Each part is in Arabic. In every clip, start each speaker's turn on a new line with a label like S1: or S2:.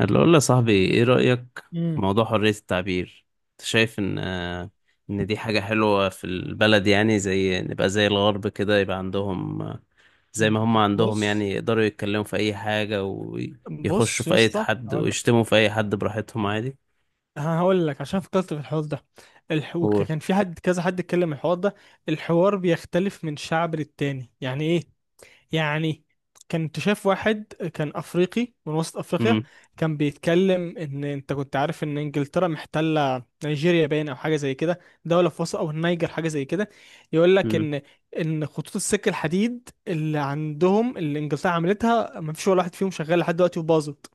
S1: اللي اقول له يا صاحبي، ايه رأيك في
S2: مم.
S1: موضوع حرية التعبير؟ انت شايف ان دي حاجة حلوة في البلد؟ يعني زي نبقى زي الغرب كده، يبقى عندهم زي ما هم عندهم، يعني
S2: بص
S1: يقدروا يتكلموا في اي حاجة ويخشوا
S2: بص
S1: في
S2: يا
S1: اي
S2: اسطى
S1: حد
S2: هقول لك.
S1: ويشتموا في اي حد براحتهم عادي.
S2: عشان فكرت في الحوار ده.
S1: قول.
S2: كان في حد، كذا حد اتكلم الحوار ده. الحوار بيختلف من شعب للتاني. يعني ايه؟ يعني كنت شايف واحد كان افريقي من وسط افريقيا،
S1: مم.
S2: كان بيتكلم ان انت كنت عارف ان انجلترا محتله نيجيريا، باين او حاجه زي كده، دوله في وسط، او النيجر حاجه زي كده. يقول لك
S1: مم.
S2: ان خطوط السكه الحديد اللي عندهم، اللي انجلترا عملتها، ما فيش ولا واحد فيهم شغال لحد دلوقتي وباظت.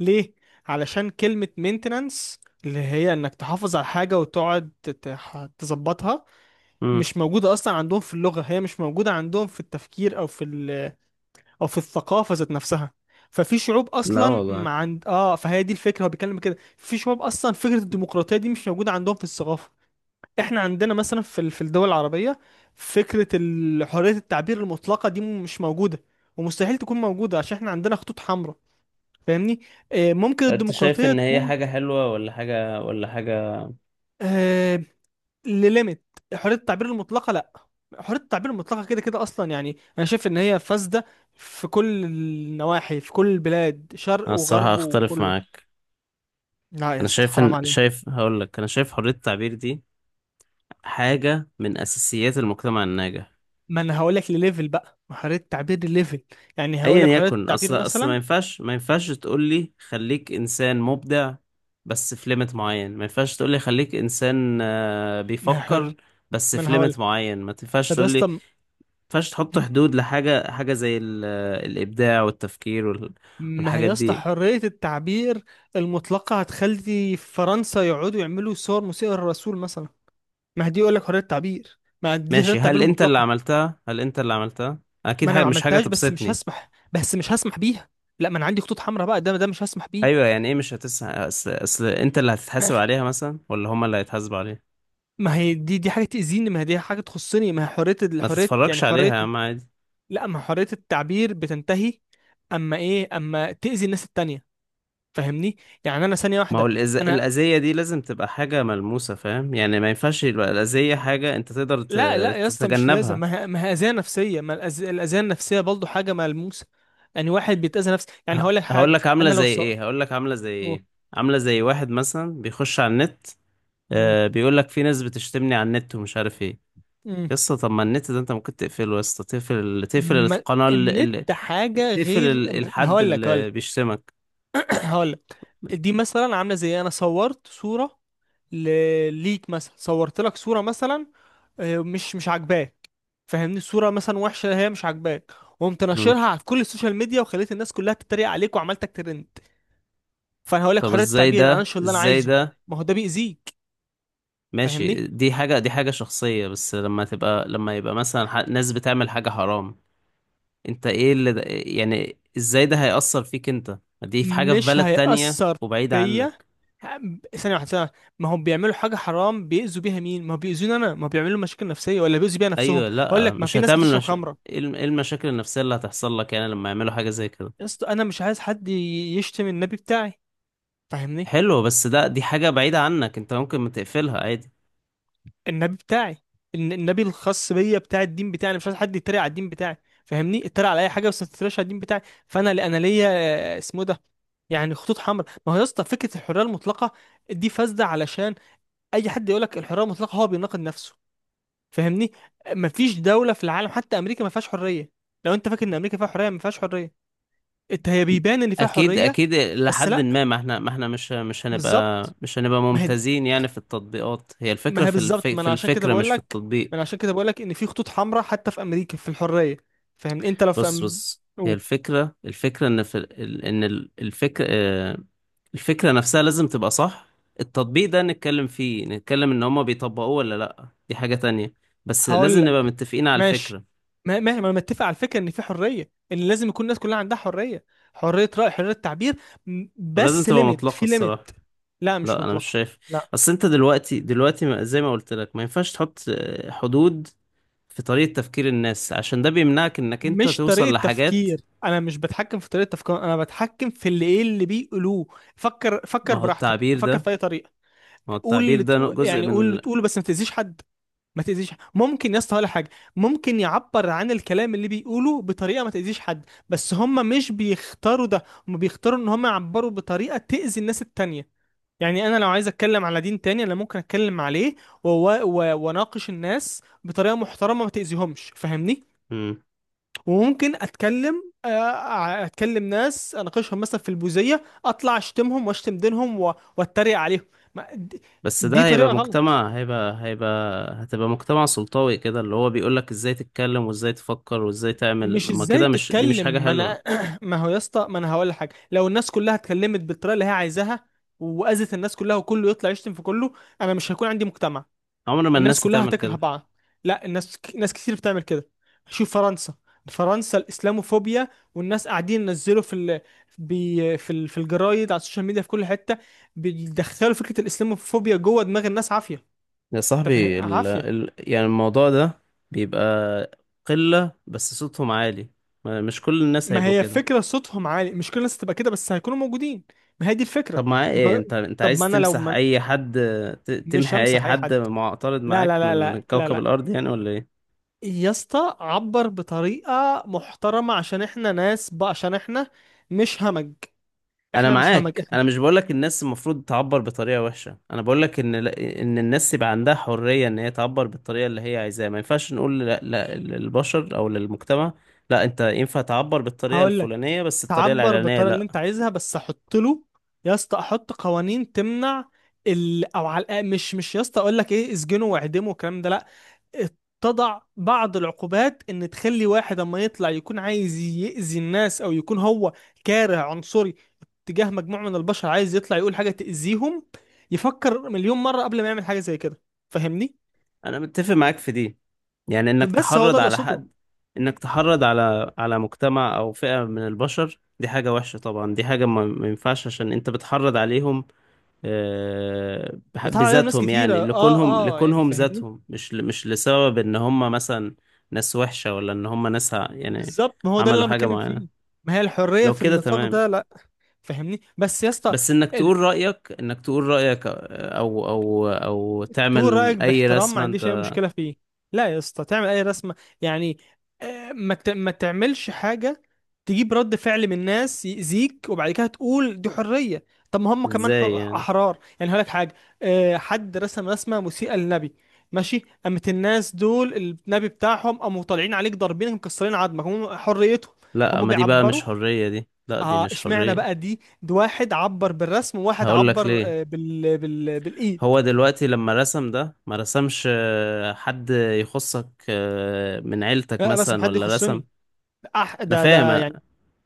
S2: ليه؟ علشان كلمه مينتنانس، اللي هي انك تحافظ على حاجه وتقعد تظبطها،
S1: مم.
S2: مش موجوده اصلا عندهم في اللغه. هي مش موجوده عندهم في التفكير او في الثقافه ذات نفسها. ففي شعوب
S1: لا
S2: اصلا
S1: والله.
S2: ما عند، اه، فهي دي الفكره، هو بيتكلم كده، في شعوب اصلا فكره الديمقراطيه دي مش موجوده عندهم في الثقافه. احنا عندنا مثلا في في الدول العربيه فكره حريه التعبير المطلقه دي مش موجوده، ومستحيل تكون موجوده، عشان احنا عندنا خطوط حمراء. فاهمني؟ آه، ممكن
S1: انت شايف
S2: الديمقراطيه
S1: ان هي
S2: تكون،
S1: حاجة حلوة ولا حاجة
S2: آه، لليميت. حريه التعبير المطلقه لا. حريه التعبير المطلقه كده كده اصلا يعني انا شايف ان هي فاسده في كل النواحي، في كل البلاد، شرق
S1: انا الصراحة
S2: وغرب
S1: اختلف
S2: وكله.
S1: معاك.
S2: لا يا
S1: انا
S2: اسطى،
S1: شايف ان
S2: حرام عليك.
S1: شايف هقول لك، انا شايف حرية التعبير دي حاجة من أساسيات المجتمع الناجح.
S2: ما انا هقول لك لليفل بقى، ما حريه التعبير لليفل. يعني هقول
S1: أيا
S2: لك حريه
S1: يكن،
S2: التعبير
S1: أصل ما
S2: مثلا.
S1: ينفعش ما ينفعش تقولي خليك إنسان مبدع. بس في ليميت معين، ما ينفعش تقولي خليك إنسان
S2: ما هي حر.
S1: بيفكر. بس
S2: ما
S1: في
S2: انا هقول
S1: ليميت معين ما تنفعش
S2: طب يا
S1: تقولي ما
S2: اسطى،
S1: ينفعش تحط حدود لحاجة، زي الإبداع والتفكير
S2: ما هي
S1: والحاجات
S2: يا اسطى
S1: دي.
S2: حريه التعبير المطلقه هتخلي فرنسا يقعدوا يعملوا صور مسيئه للرسول مثلا. ما هي دي يقول لك حريه تعبير، ما دي حريه
S1: ماشي،
S2: تعبير
S1: هل أنت اللي
S2: مطلقه.
S1: عملتها؟ هل أنت اللي عملتها؟ أكيد
S2: ما انا
S1: حاجة،
S2: ما
S1: مش حاجة
S2: عملتهاش، بس مش
S1: تبسطني.
S2: هسمح، بيها. لا ما انا عندي خطوط حمراء بقى، ده مش هسمح بيه.
S1: أيوة، يعني إيه؟ مش هتس... أصل أنت اللي هتتحاسب عليها مثلا ولا هما اللي هيتحاسبوا عليها؟
S2: ما هي دي، حاجه تاذيني، ما هي دي حاجه تخصني، ما هي حريه،
S1: ما
S2: الحريه يعني
S1: تتفرجش عليها
S2: حريه.
S1: يا عم، عادي.
S2: لا، ما حريه التعبير بتنتهي اما ايه، اما تاذي الناس التانية. فاهمني؟ يعني انا ثانيه
S1: ما هو
S2: واحده.
S1: الأز...
S2: انا
S1: الأذية دي لازم تبقى حاجة ملموسة، فاهم؟ يعني ما ينفعش يبقى الأذية حاجة أنت تقدر ت...
S2: لا لا يا اسطى، مش لازم.
S1: تتجنبها.
S2: ما هي، ما هي اذيه نفسيه. ما الاذيه النفسيه برضه حاجه ملموسه. يعني واحد بيتاذى نفسه، يعني هقول لك
S1: هقول
S2: حاجه،
S1: لك عاملة
S2: انا لو
S1: زي
S2: سقطت.
S1: إيه؟ عاملة زي واحد مثلا بيخش على النت، بيقول لك في ناس بتشتمني على النت ومش عارف إيه. يسطا، طب ما النت ده أنت ممكن تقفله. يسطا، تقفل
S2: ما
S1: القناة
S2: النت
S1: اللي...
S2: حاجة غير، ما
S1: الحد
S2: هقول لك،
S1: اللي بيشتمك.
S2: هقول لك. دي مثلا عاملة زي انا صورت صورة ل... ليك مثلا، صورت لك صورة مثلا، مش عاجباك. فاهمني؟ الصورة مثلا وحشة، هي مش عاجباك، وقمت
S1: مم.
S2: ناشرها على كل السوشيال ميديا وخليت الناس كلها تتريق عليك وعملتك ترند. فانا هقول لك
S1: طب
S2: حرية
S1: ازاي
S2: التعبير، انا
S1: ده؟
S2: انشر اللي انا عايزه. ما هو ده بيأذيك.
S1: ماشي،
S2: فاهمني؟
S1: دي حاجة شخصية. بس لما تبقى، لما يبقى مثلا ناس بتعمل حاجة حرام. انت، ايه اللي ده يعني؟ ازاي ده هيأثر فيك انت؟ دي في حاجة في
S2: مش
S1: بلد تانية
S2: هيأثر
S1: وبعيدة
S2: فيا.
S1: عنك.
S2: ثانية واحدة، ثانية واحدة. ما هم بيعملوا حاجة حرام بيأذوا بيها مين؟ ما هو بيأذوني أنا، ما هو بيعملوا مشاكل نفسية، ولا بيأذوا بيها نفسهم؟
S1: ايوه،
S2: أقول
S1: لا
S2: لك، ما
S1: مش
S2: في ناس
S1: هتعمل
S2: بتشرب
S1: مش...
S2: خمرة.
S1: ايه الم- إيه المشاكل النفسية اللي هتحصل لك يعني لما يعملوا حاجة زي كده؟
S2: يا اسطى أنا مش عايز حد يشتم النبي بتاعي. فاهمني؟
S1: حلو، بس دي حاجة بعيدة عنك، انت ممكن ما تقفلها عادي.
S2: النبي بتاعي، النبي الخاص بيا، بتاع الدين بتاعي. أنا مش عايز حد يتريق على الدين بتاعي. فاهمني؟ اتريق على أي حاجة، بس ما تتريقش على الدين بتاعي. فأنا، أنا ليا، اسمه إيه ده، يعني خطوط حمراء. ما هو يا اسطى فكرة الحرية المطلقة دي فاسدة، علشان أي حد يقول لك الحرية المطلقة هو بيناقض نفسه. فاهمني؟ مفيش دولة في العالم، حتى أمريكا، ما فيهاش حرية. لو أنت فاكر إن أمريكا فيها حرية، ما فيهاش حرية. أنت هي بيبان إن فيها
S1: اكيد
S2: حرية،
S1: اكيد،
S2: بس
S1: لحد
S2: لأ.
S1: ما احنا مش مش هنبقى
S2: بالظبط،
S1: مش هنبقى
S2: ما هي
S1: ممتازين، يعني في التطبيقات. هي الفكرة
S2: ما هي
S1: في
S2: بالظبط، ما
S1: في
S2: أنا عشان كده
S1: الفكرة، مش
S2: بقول
S1: في
S2: لك،
S1: التطبيق.
S2: ما أنا عشان كده بقول لك إن في خطوط حمراء حتى في أمريكا في الحرية. فاهمني؟ أنت لو في
S1: بص
S2: أم...
S1: بص، هي
S2: أوه.
S1: الفكرة، إن في ال- إن ال- الفكرة آه، الفكرة نفسها لازم تبقى صح. التطبيق ده نتكلم فيه، نتكلم إن هما بيطبقوه ولا لأ، دي حاجة تانية. بس
S2: هقول
S1: لازم نبقى
S2: لك
S1: متفقين على
S2: ماشي،
S1: الفكرة.
S2: ما ما ما أنا متفق على الفكرة، إن في حرية، إن لازم يكون الناس كلها عندها حرية، حرية رأي، حرية تعبير.
S1: ولازم
S2: بس
S1: تبقى
S2: ليميت،
S1: مطلقة
S2: في
S1: الصراحة.
S2: ليميت. لا، مش
S1: لا أنا مش
S2: مطلقة.
S1: شايف.
S2: لا،
S1: أصل أنت دلوقتي، زي ما قلت لك، ما ينفعش تحط حدود في طريقة تفكير الناس، عشان ده بيمنعك إنك أنت
S2: مش طريقة
S1: توصل لحاجات.
S2: تفكير، انا مش بتحكم في طريقة تفكير، انا بتحكم في اللي، ايه، اللي بيقولوه. فكر،
S1: ما
S2: فكر
S1: هو
S2: براحتك،
S1: التعبير ده،
S2: فكر في اي طريقة. قول اللي تقول،
S1: جزء
S2: يعني قول اللي
S1: من
S2: تقوله، بس ما تأذيش حد. ما تأذيش حد. ممكن يا اسطى، ولا حاجة. ممكن يعبر عن الكلام اللي بيقوله بطريقة ما تأذيش حد، بس هم مش بيختاروا ده، هم بيختاروا ان هم يعبروا بطريقة تأذي الناس التانية. يعني انا لو عايز اتكلم على دين تاني انا ممكن اتكلم عليه واناقش الناس بطريقة محترمة ما تأذيهمش. فاهمني؟
S1: ال...
S2: وممكن اتكلم، اتكلم ناس اناقشهم مثلا في البوذيه، اطلع اشتمهم واشتم دينهم واتريق عليهم. ما دي،
S1: بس
S2: دي
S1: ده هيبقى
S2: طريقه غلط.
S1: مجتمع هيبقى هيبقى هتبقى مجتمع سلطوي كده، اللي هو بيقولك ازاي تتكلم وازاي تفكر وازاي تعمل.
S2: مش
S1: ما
S2: ازاي
S1: كده مش، دي مش
S2: تتكلم،
S1: حاجة
S2: ما
S1: حلوة.
S2: انا ما هو يا اسطى ما انا هقول لك حاجه، لو الناس كلها اتكلمت بالطريقه اللي هي عايزاها، واذت الناس كلها، وكله يطلع يشتم في كله، انا مش هيكون عندي مجتمع.
S1: عمر ما
S2: الناس
S1: الناس
S2: كلها
S1: هتعمل
S2: هتكره
S1: كده.
S2: بعض. لا، الناس، ناس كتير بتعمل كده. شوف فرنسا، فرنسا الاسلاموفوبيا. والناس قاعدين ينزلوا في ال... بي... في ال... في الجرايد، على السوشيال ميديا، في كل حته. بيدخلوا فكره الاسلاموفوبيا جوه دماغ الناس عافيه.
S1: يا
S2: انت فاهم؟
S1: صاحبي،
S2: عافيه.
S1: يعني الموضوع ده بيبقى قلة بس صوتهم عالي. مش كل الناس
S2: ما
S1: هيبقوا
S2: هي
S1: كده.
S2: فكره صوتهم عالي، مش كل الناس تبقى كده بس هيكونوا موجودين. ما هي دي
S1: طب
S2: الفكره.
S1: معاه ايه؟
S2: ما...
S1: انت
S2: طب ما
S1: عايز
S2: انا لو
S1: تمسح
S2: ما...
S1: اي حد؟ ت...
S2: مش
S1: تمحي اي
S2: همسح اي
S1: حد
S2: حد.
S1: معترض
S2: لا لا
S1: معاك
S2: لا
S1: من
S2: لا لا
S1: كوكب
S2: لا
S1: الارض يعني، ولا ايه؟
S2: يا اسطى، عبر بطريقه محترمه عشان احنا ناس بقى، عشان احنا مش همج،
S1: انا
S2: احنا مش همج.
S1: معاك.
S2: احنا
S1: انا مش بقولك الناس المفروض تعبر بطريقه وحشه، انا بقولك ان الناس يبقى عندها حريه ان هي تعبر بالطريقه اللي هي عايزاها. ما ينفعش نقول لا، لا للبشر او للمجتمع. لا، انت ينفع تعبر بالطريقه
S2: هقول لك،
S1: الفلانيه، بس الطريقه
S2: تعبر
S1: العلانيه
S2: بالطريقه اللي
S1: لا.
S2: انت عايزها، بس احط له، يا اسطى احط قوانين تمنع ال... او على الأقل، مش مش يا اسطى اقول لك ايه اسجنه واعدمه والكلام ده، لا. تضع بعض العقوبات ان تخلي واحد اما يطلع يكون عايز يأذي الناس، او يكون هو كاره عنصري تجاه مجموعه من البشر، عايز يطلع يقول حاجه تأذيهم، يفكر مليون مره قبل ما يعمل حاجه زي كده. فاهمني؟
S1: انا متفق معاك في دي، يعني انك
S2: بس هو ده
S1: تحرض
S2: اللي
S1: على
S2: اقصده.
S1: حد، انك تحرض على مجتمع او فئه من البشر، دي حاجه وحشه طبعا، دي حاجه ما ينفعش، عشان انت بتحرض عليهم
S2: بيتعرض عليهم ناس
S1: بذاتهم،
S2: كتيره،
S1: يعني
S2: اه
S1: لكونهم
S2: اه، يعني
S1: لكونهم
S2: فاهمني.
S1: ذاتهم، مش لسبب ان هم مثلا ناس وحشة، ولا ان هم ناس يعني
S2: بالظبط، ما هو ده اللي
S1: عملوا
S2: انا
S1: حاجة
S2: بتكلم
S1: معينة.
S2: فيه. ما هي الحريه
S1: لو
S2: في
S1: كده
S2: النطاق
S1: تمام.
S2: ده لا. فهمني بس يا اسطى.
S1: بس
S2: ال-
S1: انك تقول رأيك، او
S2: تقول
S1: تعمل
S2: رايك
S1: اي
S2: باحترام، ما
S1: رسمة
S2: عنديش اي
S1: انت.
S2: مشكله فيه. لا يا اسطى، تعمل اي رسمه يعني، ما ما تعملش حاجه تجيب رد فعل من الناس يأذيك، وبعد كده تقول دي حريه. طب ما هم كمان
S1: ازاي يعني؟
S2: احرار. يعني هقول لك حاجه، حد رسم رسمه مسيئه للنبي، ماشي، قامت الناس دول النبي بتاعهم قاموا طالعين عليك ضاربينك مكسرين عظمك، هم حريتهم،
S1: لا،
S2: هم
S1: ما دي بقى مش
S2: بيعبروا.
S1: حرية، دي لا دي
S2: اه
S1: مش
S2: اشمعنى
S1: حرية.
S2: بقى دي، ده واحد عبر بالرسم، وواحد
S1: هقول لك
S2: عبر،
S1: ليه.
S2: بالايد.
S1: هو دلوقتي لما رسم ده، ما رسمش حد يخصك من عيلتك
S2: لا رسم
S1: مثلا،
S2: حد
S1: ولا رسم؟
S2: يخصني. أح...
S1: انا
S2: ده
S1: فاهم.
S2: ده يعني،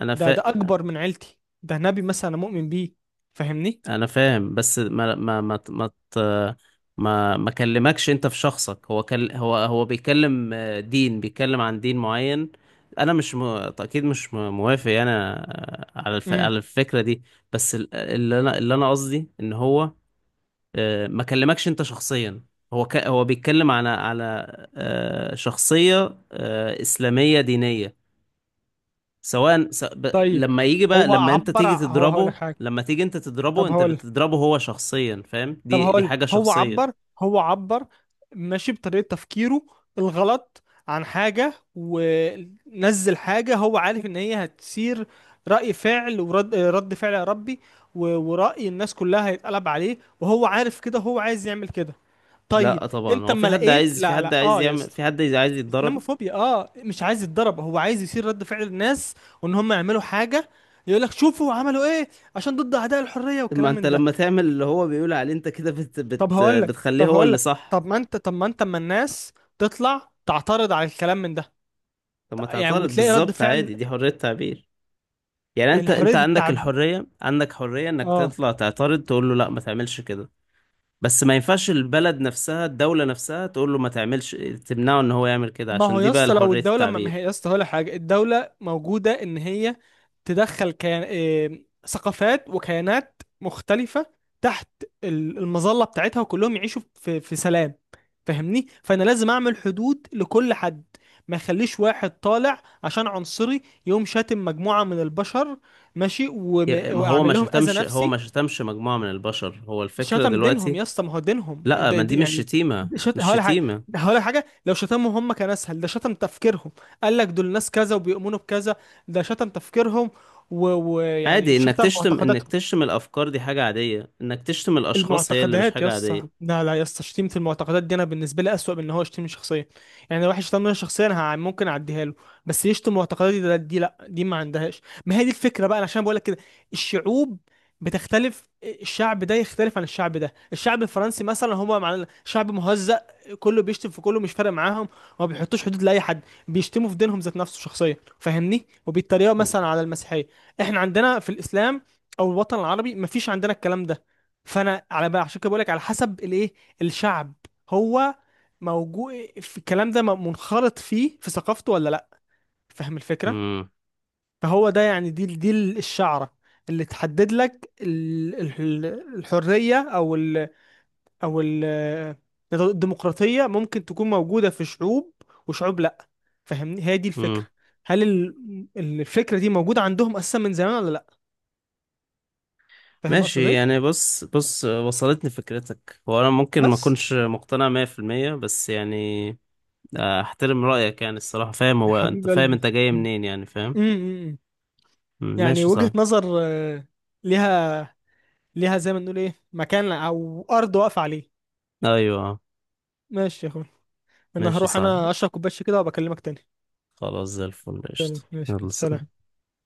S1: انا
S2: ده
S1: فا...
S2: ده اكبر من عيلتي، ده نبي مثلا أنا مؤمن بيه. فاهمني؟
S1: انا فاهم، بس ما كلمكش انت في شخصك. هو كل... هو هو بيتكلم آه، دين بيتكلم عن دين معين. انا مش م... اكيد مش م- موافق يعني
S2: امم.
S1: على الفكرة دي. بس اللي انا قصدي ان هو ما كلمكش انت شخصيا. هو بيتكلم على شخصية إسلامية دينية، سواء
S2: طيب.
S1: لما يجي بقى،
S2: هو عبر، هو هقول لك حاجه،
S1: لما تيجي انت تضربه،
S2: طب
S1: انت
S2: هقول
S1: بتضربه هو شخصيا، فاهم؟
S2: طب
S1: دي
S2: هقول
S1: حاجة
S2: هو
S1: شخصية.
S2: عبر، هو عبر ماشي بطريقة تفكيره الغلط، عن حاجة ونزل حاجة هو عارف ان هي هتثير رأي فعل، ورد، فعل يا ربي، ورأي الناس كلها هيتقلب عليه، وهو عارف كده، هو عايز يعمل كده. طيب.
S1: لا طبعا
S2: انت
S1: هو في
S2: اما
S1: حد
S2: لقيت
S1: عايز، في
S2: لا
S1: حد
S2: لا،
S1: عايز
S2: اه يا
S1: يعمل
S2: اسطى،
S1: في حد عايز يتضرب.
S2: اسلاموفوبيا. اه، مش عايز يتضرب، هو عايز يثير رد فعل الناس، وان هم يعملوا حاجة، يقول لك شوفوا عملوا ايه، عشان ضد اعداء الحرية
S1: ما
S2: والكلام
S1: انت
S2: من ده.
S1: لما تعمل اللي هو بيقول عليه، انت كده بت...
S2: طب
S1: بت...
S2: هقول لك
S1: بتخليه
S2: طب
S1: هو
S2: هقول
S1: اللي
S2: لك
S1: صح.
S2: طب ما انت، اما الناس تطلع تعترض على الكلام من ده
S1: طب ما
S2: يعني،
S1: تعترض
S2: وتلاقي رد
S1: بالظبط، عادي،
S2: فعل.
S1: دي حرية تعبير. يعني انت
S2: يعني حرية
S1: انت عندك
S2: التعب،
S1: الحرية، عندك حرية انك
S2: آه.
S1: تطلع تعترض تقول له لا ما تعملش كده. بس ما ينفعش البلد نفسها الدولة نفسها تقول له ما تعملش، تمنعه ان هو يعمل كده،
S2: ما
S1: عشان
S2: هو
S1: دي
S2: يا
S1: بقى
S2: اسطى لو
S1: حرية
S2: الدولة، ما ما هي
S1: التعبير.
S2: يا اسطى هقول لك حاجة، الدولة موجودة إن هي تدخل كيان... إيه... ثقافات وكيانات مختلفة تحت المظلة بتاعتها، وكلهم يعيشوا في في سلام. فاهمني؟ فأنا لازم أعمل حدود لكل حد، ما يخليش واحد طالع عشان عنصري يقوم شاتم مجموعة من البشر، ماشي،
S1: ما هو
S2: وأعمل
S1: ما
S2: لهم أذى
S1: شتمش هو ما
S2: نفسي.
S1: شتمش مجموعة من البشر، هو الفكرة
S2: شتم دينهم
S1: دلوقتي.
S2: يا اسطى، ما هو دينهم
S1: لا،
S2: ده
S1: ما دي
S2: ده
S1: مش
S2: يعني،
S1: شتيمة،
S2: ده شت... هقول لك حاجه، لو شتمهم هم كان اسهل، ده شتم تفكيرهم. قال لك دول ناس كذا وبيؤمنوا بكذا، ده شتم تفكيرهم، ويعني و... ويعني
S1: عادي،
S2: شتم
S1: انك
S2: معتقداتهم.
S1: تشتم الافكار دي حاجة عادية. انك تشتم الاشخاص هي اللي مش
S2: المعتقدات يا
S1: حاجة
S2: اسطى
S1: عادية.
S2: لا، لا يا اسطى، شتيمة المعتقدات دي انا بالنسبه لي اسوأ من ان هو يشتمني شخصيا. يعني لو واحد شتمني شخصيا انا ممكن اعديها له، بس يشتم معتقداتي ده، دي لا، دي ما عندهاش. ما هي دي الفكره بقى، أنا عشان بقول لك كده، الشعوب بتختلف، الشعب ده يختلف عن الشعب ده. الشعب الفرنسي مثلا هما مع شعب مهزأ، كله بيشتم في كله، مش فارق معاهم، وما بيحطوش حدود لاي حد، بيشتموا في دينهم ذات نفسه شخصيا. فاهمني؟ وبيتريقوا مثلا على المسيحيه. احنا عندنا في الاسلام، او الوطن العربي، مفيش عندنا الكلام ده. فانا على بقى عشان كده بقول لك على حسب الايه، الشعب هو موجود في الكلام ده، منخرط فيه في ثقافته ولا لا. فاهم الفكره؟
S1: امم.
S2: فهو ده يعني، دي دي الشعره اللي تحدد لك ال- الحريه، او ال او ال الديمقراطيه ممكن تكون موجوده في شعوب، وشعوب لا. فاهمني؟ هي دي الفكره.
S1: امم.
S2: هل الفكره دي موجوده عندهم اساسا من زمان ولا لا. فاهم اقصد
S1: ماشي
S2: ايه؟
S1: يعني، بص بص، وصلتني فكرتك. هو انا ممكن ما
S2: بس
S1: اكونش مقتنع 100% بس يعني احترم رأيك يعني الصراحة، فاهم؟
S2: يا
S1: هو انت
S2: حبيب
S1: فاهم
S2: قلبي،
S1: انت جاي منين يعني، فاهم.
S2: امم.
S1: مم،
S2: يعني
S1: ماشي،
S2: وجهة
S1: صح.
S2: نظر، ليها، زي ما نقول، ايه، مكان او ارض واقفة عليه.
S1: ايوه،
S2: ماشي يا اخويا. انا
S1: ماشي،
S2: هروح
S1: صح.
S2: انا اشرب كوبايه كده وبكلمك تاني.
S1: خلاص، زي الفل، قشطة.
S2: تاني، ماشي يا أخويا،
S1: يلا، سلام.
S2: سلام.